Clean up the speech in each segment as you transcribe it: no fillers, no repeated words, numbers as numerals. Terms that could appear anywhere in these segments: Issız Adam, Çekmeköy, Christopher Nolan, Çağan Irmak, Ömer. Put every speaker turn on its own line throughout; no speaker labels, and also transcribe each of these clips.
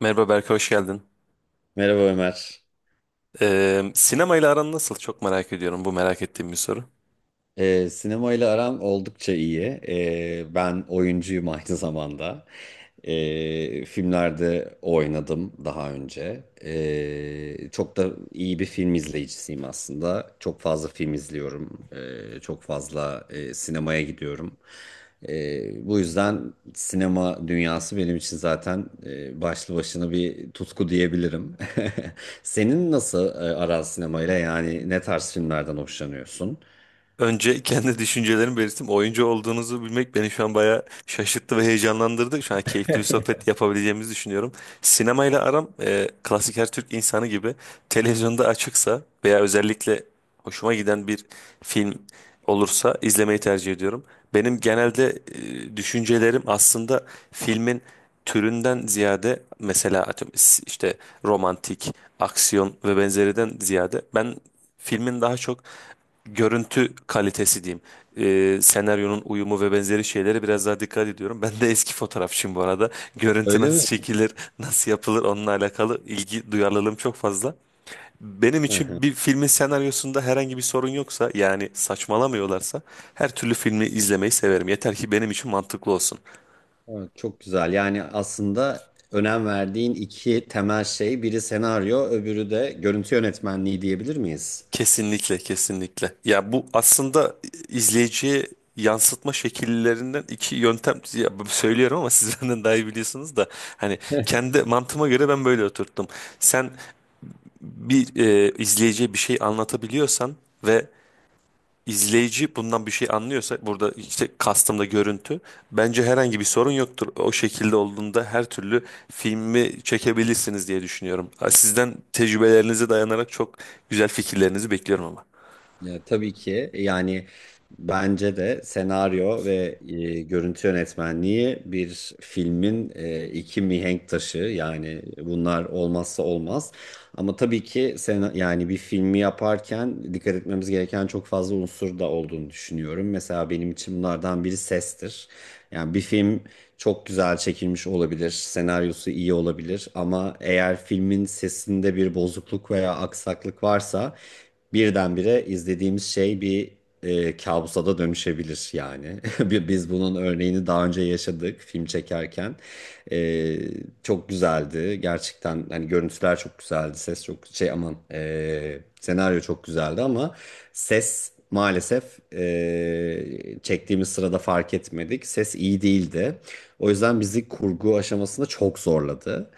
Merhaba Berk, hoş geldin.
Merhaba Ömer.
Sinemayla aran nasıl? Çok merak ediyorum. Bu merak ettiğim bir soru.
Sinemayla aram oldukça iyi. Ben oyuncuyum aynı zamanda. Filmlerde oynadım daha önce. Çok da iyi bir film izleyicisiyim aslında. Çok fazla film izliyorum. Çok fazla sinemaya gidiyorum. Bu yüzden sinema dünyası benim için zaten başlı başına bir tutku diyebilirim. Senin nasıl aran sinemayla? Yani ne tarz filmlerden hoşlanıyorsun?
Önce kendi düşüncelerimi belirttim. Oyuncu olduğunuzu bilmek beni şu an bayağı şaşırttı ve heyecanlandırdı. Şu an keyifli bir sohbet yapabileceğimizi düşünüyorum. Sinemayla aram klasik her Türk insanı gibi televizyonda açıksa veya özellikle hoşuma giden bir film olursa izlemeyi tercih ediyorum. Benim genelde düşüncelerim aslında filmin türünden ziyade mesela atıyorum işte romantik, aksiyon ve benzeriden ziyade ben filmin daha çok görüntü kalitesi diyeyim. Senaryonun uyumu ve benzeri şeylere biraz daha dikkat ediyorum. Ben de eski fotoğrafçıyım bu arada. Görüntü
Öyle mi?
nasıl çekilir, nasıl yapılır onunla alakalı ilgi duyarlılığım çok fazla. Benim
Hı hı.
için bir filmin senaryosunda herhangi bir sorun yoksa yani saçmalamıyorlarsa her türlü filmi izlemeyi severim. Yeter ki benim için mantıklı olsun.
Evet, çok güzel. Yani aslında önem verdiğin iki temel şey, biri senaryo, öbürü de görüntü yönetmenliği diyebilir miyiz?
Kesinlikle, kesinlikle. Ya bu aslında izleyiciye yansıtma şekillerinden iki yöntem ya söylüyorum ama siz benden daha iyi biliyorsunuz da hani kendi mantığıma göre ben böyle oturttum. Sen bir izleyiciye bir şey anlatabiliyorsan ve izleyici bundan bir şey anlıyorsa burada işte kastımda görüntü bence herhangi bir sorun yoktur. O şekilde olduğunda her türlü filmi çekebilirsiniz diye düşünüyorum. Sizden tecrübelerinize dayanarak çok güzel fikirlerinizi bekliyorum ama.
Ya, tabii ki yani bence de senaryo ve görüntü yönetmenliği bir filmin iki mihenk taşı, yani bunlar olmazsa olmaz. Ama tabii ki sen, yani bir filmi yaparken dikkat etmemiz gereken çok fazla unsur da olduğunu düşünüyorum. Mesela benim için bunlardan biri sestir. Yani bir film çok güzel çekilmiş olabilir, senaryosu iyi olabilir ama eğer filmin sesinde bir bozukluk veya aksaklık varsa birdenbire izlediğimiz şey bir kabusa da dönüşebilir yani. Biz bunun örneğini daha önce yaşadık film çekerken. E, Çok güzeldi gerçekten, hani görüntüler çok güzeldi, ses çok şey aman, senaryo çok güzeldi ama ses maalesef, çektiğimiz sırada fark etmedik, ses iyi değildi. O yüzden bizi kurgu aşamasında çok zorladı.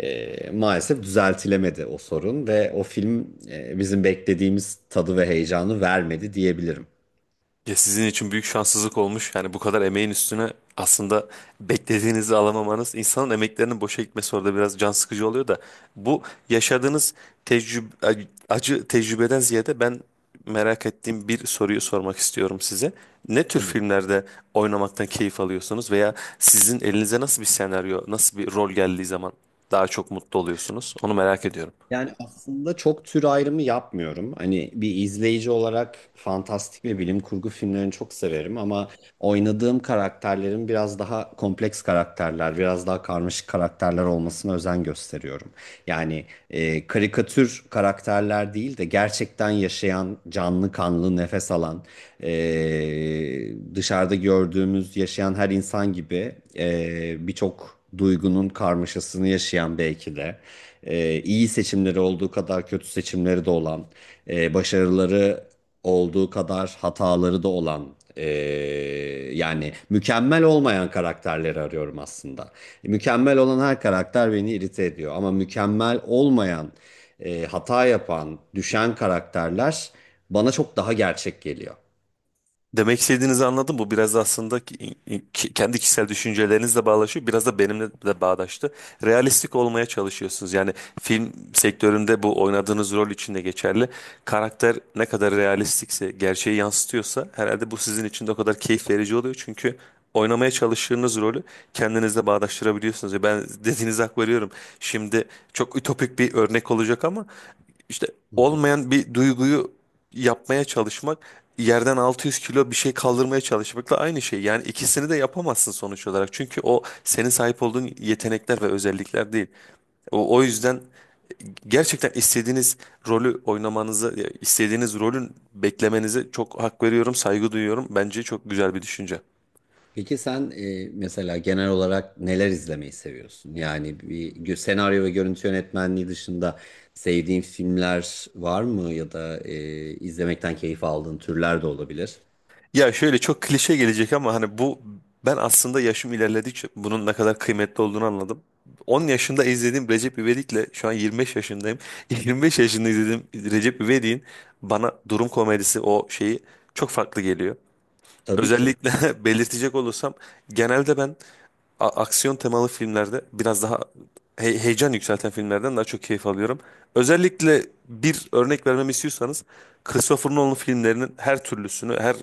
Maalesef düzeltilemedi o sorun ve o film bizim beklediğimiz tadı ve heyecanı vermedi diyebilirim.
Ya sizin için büyük şanssızlık olmuş. Yani bu kadar emeğin üstüne aslında beklediğinizi alamamanız insanın emeklerinin boşa gitmesi orada biraz can sıkıcı oluyor da bu yaşadığınız tecrübe, acı tecrübeden ziyade ben merak ettiğim bir soruyu sormak istiyorum size. Ne tür
Tabii.
filmlerde oynamaktan keyif alıyorsunuz veya sizin elinize nasıl bir senaryo, nasıl bir rol geldiği zaman daha çok mutlu oluyorsunuz? Onu merak ediyorum.
Yani aslında çok tür ayrımı yapmıyorum. Hani bir izleyici olarak fantastik ve bilim kurgu filmlerini çok severim ama oynadığım karakterlerin biraz daha kompleks karakterler, biraz daha karmaşık karakterler olmasına özen gösteriyorum. Yani karikatür karakterler değil de gerçekten yaşayan, canlı kanlı, nefes alan, dışarıda gördüğümüz yaşayan her insan gibi birçok duygunun karmaşasını yaşayan, belki de iyi seçimleri olduğu kadar kötü seçimleri de olan, başarıları olduğu kadar hataları da olan, yani mükemmel olmayan karakterleri arıyorum aslında. Mükemmel olan her karakter beni irite ediyor ama mükemmel olmayan, hata yapan, düşen karakterler bana çok daha gerçek geliyor.
Demek istediğinizi anladım. Bu biraz aslında kendi kişisel düşüncelerinizle bağdaşıyor. Biraz da benimle de bağdaştı. Realistik olmaya çalışıyorsunuz. Yani film sektöründe bu oynadığınız rol için de geçerli. Karakter ne kadar realistikse, gerçeği yansıtıyorsa herhalde bu sizin için de o kadar keyif verici oluyor. Çünkü oynamaya çalıştığınız rolü kendinizle bağdaştırabiliyorsunuz. Ya ben dediğinize hak veriyorum. Şimdi çok ütopik bir örnek olacak ama işte olmayan bir duyguyu yapmaya çalışmak yerden 600 kilo bir şey kaldırmaya çalışmakla aynı şey. Yani ikisini de yapamazsın sonuç olarak. Çünkü o senin sahip olduğun yetenekler ve özellikler değil. O yüzden gerçekten istediğiniz rolü oynamanızı, istediğiniz rolün beklemenize çok hak veriyorum, saygı duyuyorum. Bence çok güzel bir düşünce.
Peki sen mesela genel olarak neler izlemeyi seviyorsun? Yani bir senaryo ve görüntü yönetmenliği dışında sevdiğin filmler var mı ya da izlemekten keyif aldığın türler de olabilir.
Ya şöyle çok klişe gelecek ama hani bu ben aslında yaşım ilerledikçe bunun ne kadar kıymetli olduğunu anladım. 10 yaşında izlediğim Recep İvedik'le şu an 25 yaşındayım. 25 yaşında izlediğim Recep İvedik'in bana durum komedisi o şeyi çok farklı geliyor.
Tabii ki.
Özellikle belirtecek olursam genelde ben aksiyon temalı filmlerde biraz daha heyecan yükselten filmlerden daha çok keyif alıyorum. Özellikle bir örnek vermemi istiyorsanız Christopher Nolan filmlerinin her türlüsünü, her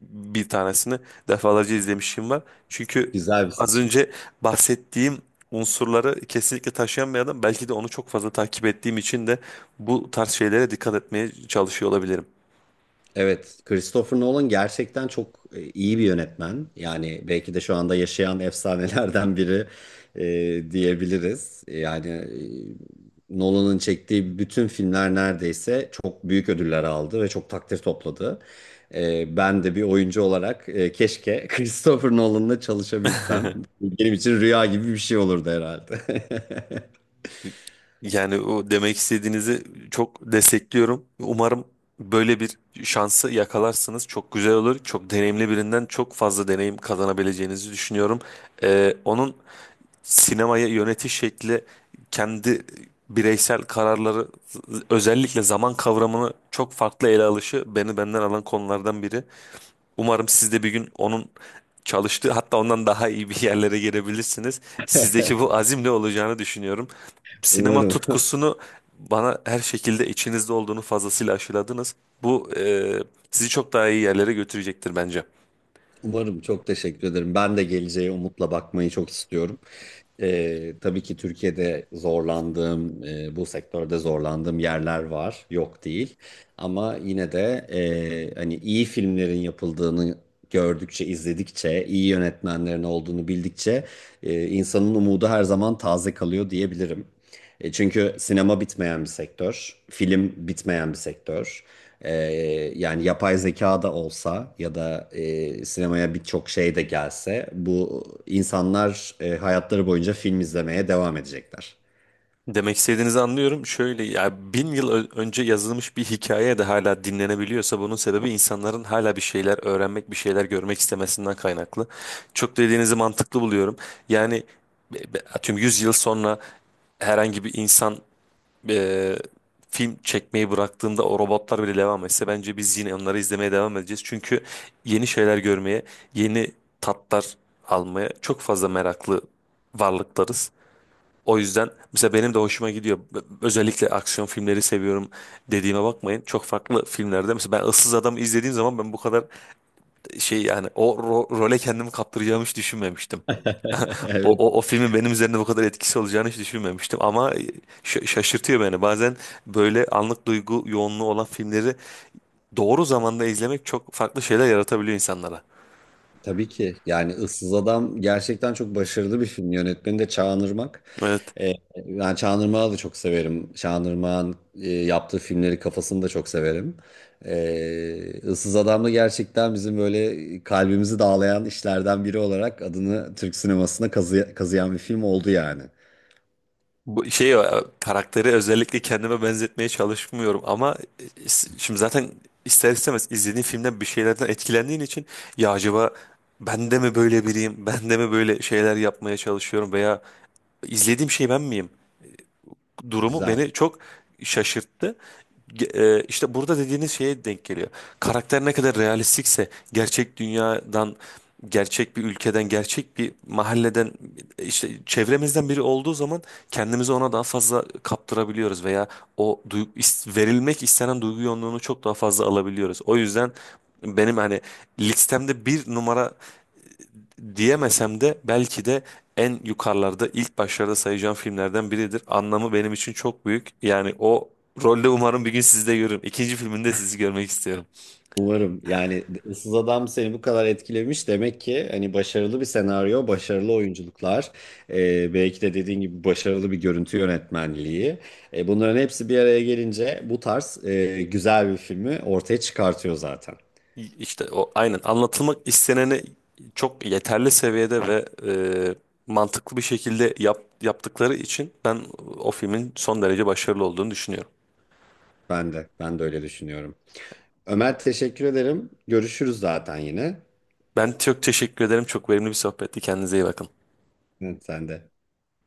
bir tanesini defalarca izlemişim var. Çünkü
Güzel bir
az
seçim.
önce bahsettiğim unsurları kesinlikle taşıyan bir adam. Belki de onu çok fazla takip ettiğim için de bu tarz şeylere dikkat etmeye çalışıyor olabilirim.
Evet, Christopher Nolan gerçekten çok iyi bir yönetmen. Yani belki de şu anda yaşayan efsanelerden biri diyebiliriz. Yani Nolan'ın çektiği bütün filmler neredeyse çok büyük ödüller aldı ve çok takdir topladı. Ben de bir oyuncu olarak keşke Christopher Nolan'la çalışabilsem. Benim için rüya gibi bir şey olurdu herhalde.
Yani o demek istediğinizi çok destekliyorum. Umarım böyle bir şansı yakalarsınız. Çok güzel olur. Çok deneyimli birinden çok fazla deneyim kazanabileceğinizi düşünüyorum. Onun sinemaya yönetiş şekli, kendi bireysel kararları, özellikle zaman kavramını çok farklı ele alışı beni benden alan konulardan biri. Umarım siz de bir gün onun çalıştığı hatta ondan daha iyi bir yerlere gelebilirsiniz. Sizdeki bu azimle olacağını düşünüyorum. Sinema
Umarım.
tutkusunu bana her şekilde içinizde olduğunu fazlasıyla aşıladınız. Bu sizi çok daha iyi yerlere götürecektir bence.
Umarım, çok teşekkür ederim. Ben de geleceğe umutla bakmayı çok istiyorum. Tabii ki Türkiye'de zorlandığım, bu sektörde zorlandığım yerler var, yok değil. Ama yine de hani iyi filmlerin yapıldığını gördükçe, izledikçe, iyi yönetmenlerin olduğunu bildikçe insanın umudu her zaman taze kalıyor diyebilirim. Çünkü sinema bitmeyen bir sektör, film bitmeyen bir sektör. E, Yani yapay zeka da olsa ya da sinemaya birçok şey de gelse bu insanlar hayatları boyunca film izlemeye devam edecekler.
Demek istediğinizi anlıyorum. Şöyle ya 1000 yıl önce yazılmış bir hikaye de hala dinlenebiliyorsa bunun sebebi insanların hala bir şeyler öğrenmek, bir şeyler görmek istemesinden kaynaklı. Çok dediğinizi mantıklı buluyorum. Yani atıyorum 100 yıl sonra herhangi bir insan e, film çekmeyi bıraktığında o robotlar bile devam etse bence biz yine onları izlemeye devam edeceğiz. Çünkü yeni şeyler görmeye, yeni tatlar almaya çok fazla meraklı varlıklarız. O yüzden mesela benim de hoşuma gidiyor. Özellikle aksiyon filmleri seviyorum dediğime bakmayın. Çok farklı filmlerde mesela ben Issız Adam'ı izlediğim zaman ben bu kadar şey yani o role kendimi kaptıracağımı hiç düşünmemiştim. O,
Evet.
o, o filmin benim üzerinde bu kadar etkisi olacağını hiç düşünmemiştim ama şaşırtıyor beni. Bazen böyle anlık duygu yoğunluğu olan filmleri doğru zamanda izlemek çok farklı şeyler yaratabiliyor insanlara.
Tabii ki. Yani Issız Adam gerçekten çok başarılı bir film. Yönetmeni de Çağan Irmak.
Evet.
Ee, Ben Çağan Irmak'ı da çok severim. Çağan Irmak'ın yaptığı filmleri kafasını da çok severim. Issız Adam da gerçekten bizim böyle kalbimizi dağlayan işlerden biri olarak adını Türk sinemasına kazıyan bir film oldu yani.
Bu şey karakteri özellikle kendime benzetmeye çalışmıyorum ama şimdi zaten ister istemez izlediğin filmden bir şeylerden etkilendiğin için ya acaba ben de mi böyle biriyim? Ben de mi böyle şeyler yapmaya çalışıyorum veya izlediğim şey ben miyim? Durumu
Güzel.
beni çok şaşırttı. İşte burada dediğiniz şeye denk geliyor. Karakter ne kadar realistikse gerçek dünyadan gerçek bir ülkeden, gerçek bir mahalleden işte çevremizden biri olduğu zaman kendimizi ona daha fazla kaptırabiliyoruz veya o verilmek istenen duygu yoğunluğunu çok daha fazla alabiliyoruz. O yüzden benim hani listemde bir numara diyemesem de belki de en yukarılarda ilk başlarda sayacağım filmlerden biridir. Anlamı benim için çok büyük. Yani o rolde umarım bir gün sizi de görürüm. İkinci filminde sizi görmek istiyorum.
Umarım, yani Issız Adam seni bu kadar etkilemiş demek ki hani başarılı bir senaryo, başarılı oyunculuklar, belki de dediğin gibi başarılı bir görüntü yönetmenliği. Bunların hepsi bir araya gelince bu tarz güzel bir filmi ortaya çıkartıyor zaten.
İşte o aynen anlatılmak isteneni çok yeterli seviyede ve mantıklı bir şekilde yap, yaptıkları için ben o filmin son derece başarılı olduğunu düşünüyorum.
Ben de öyle düşünüyorum. Ömer, teşekkür ederim. Görüşürüz zaten yine.
Ben çok teşekkür ederim. Çok verimli bir sohbetti. Kendinize iyi bakın.
Evet, sen de.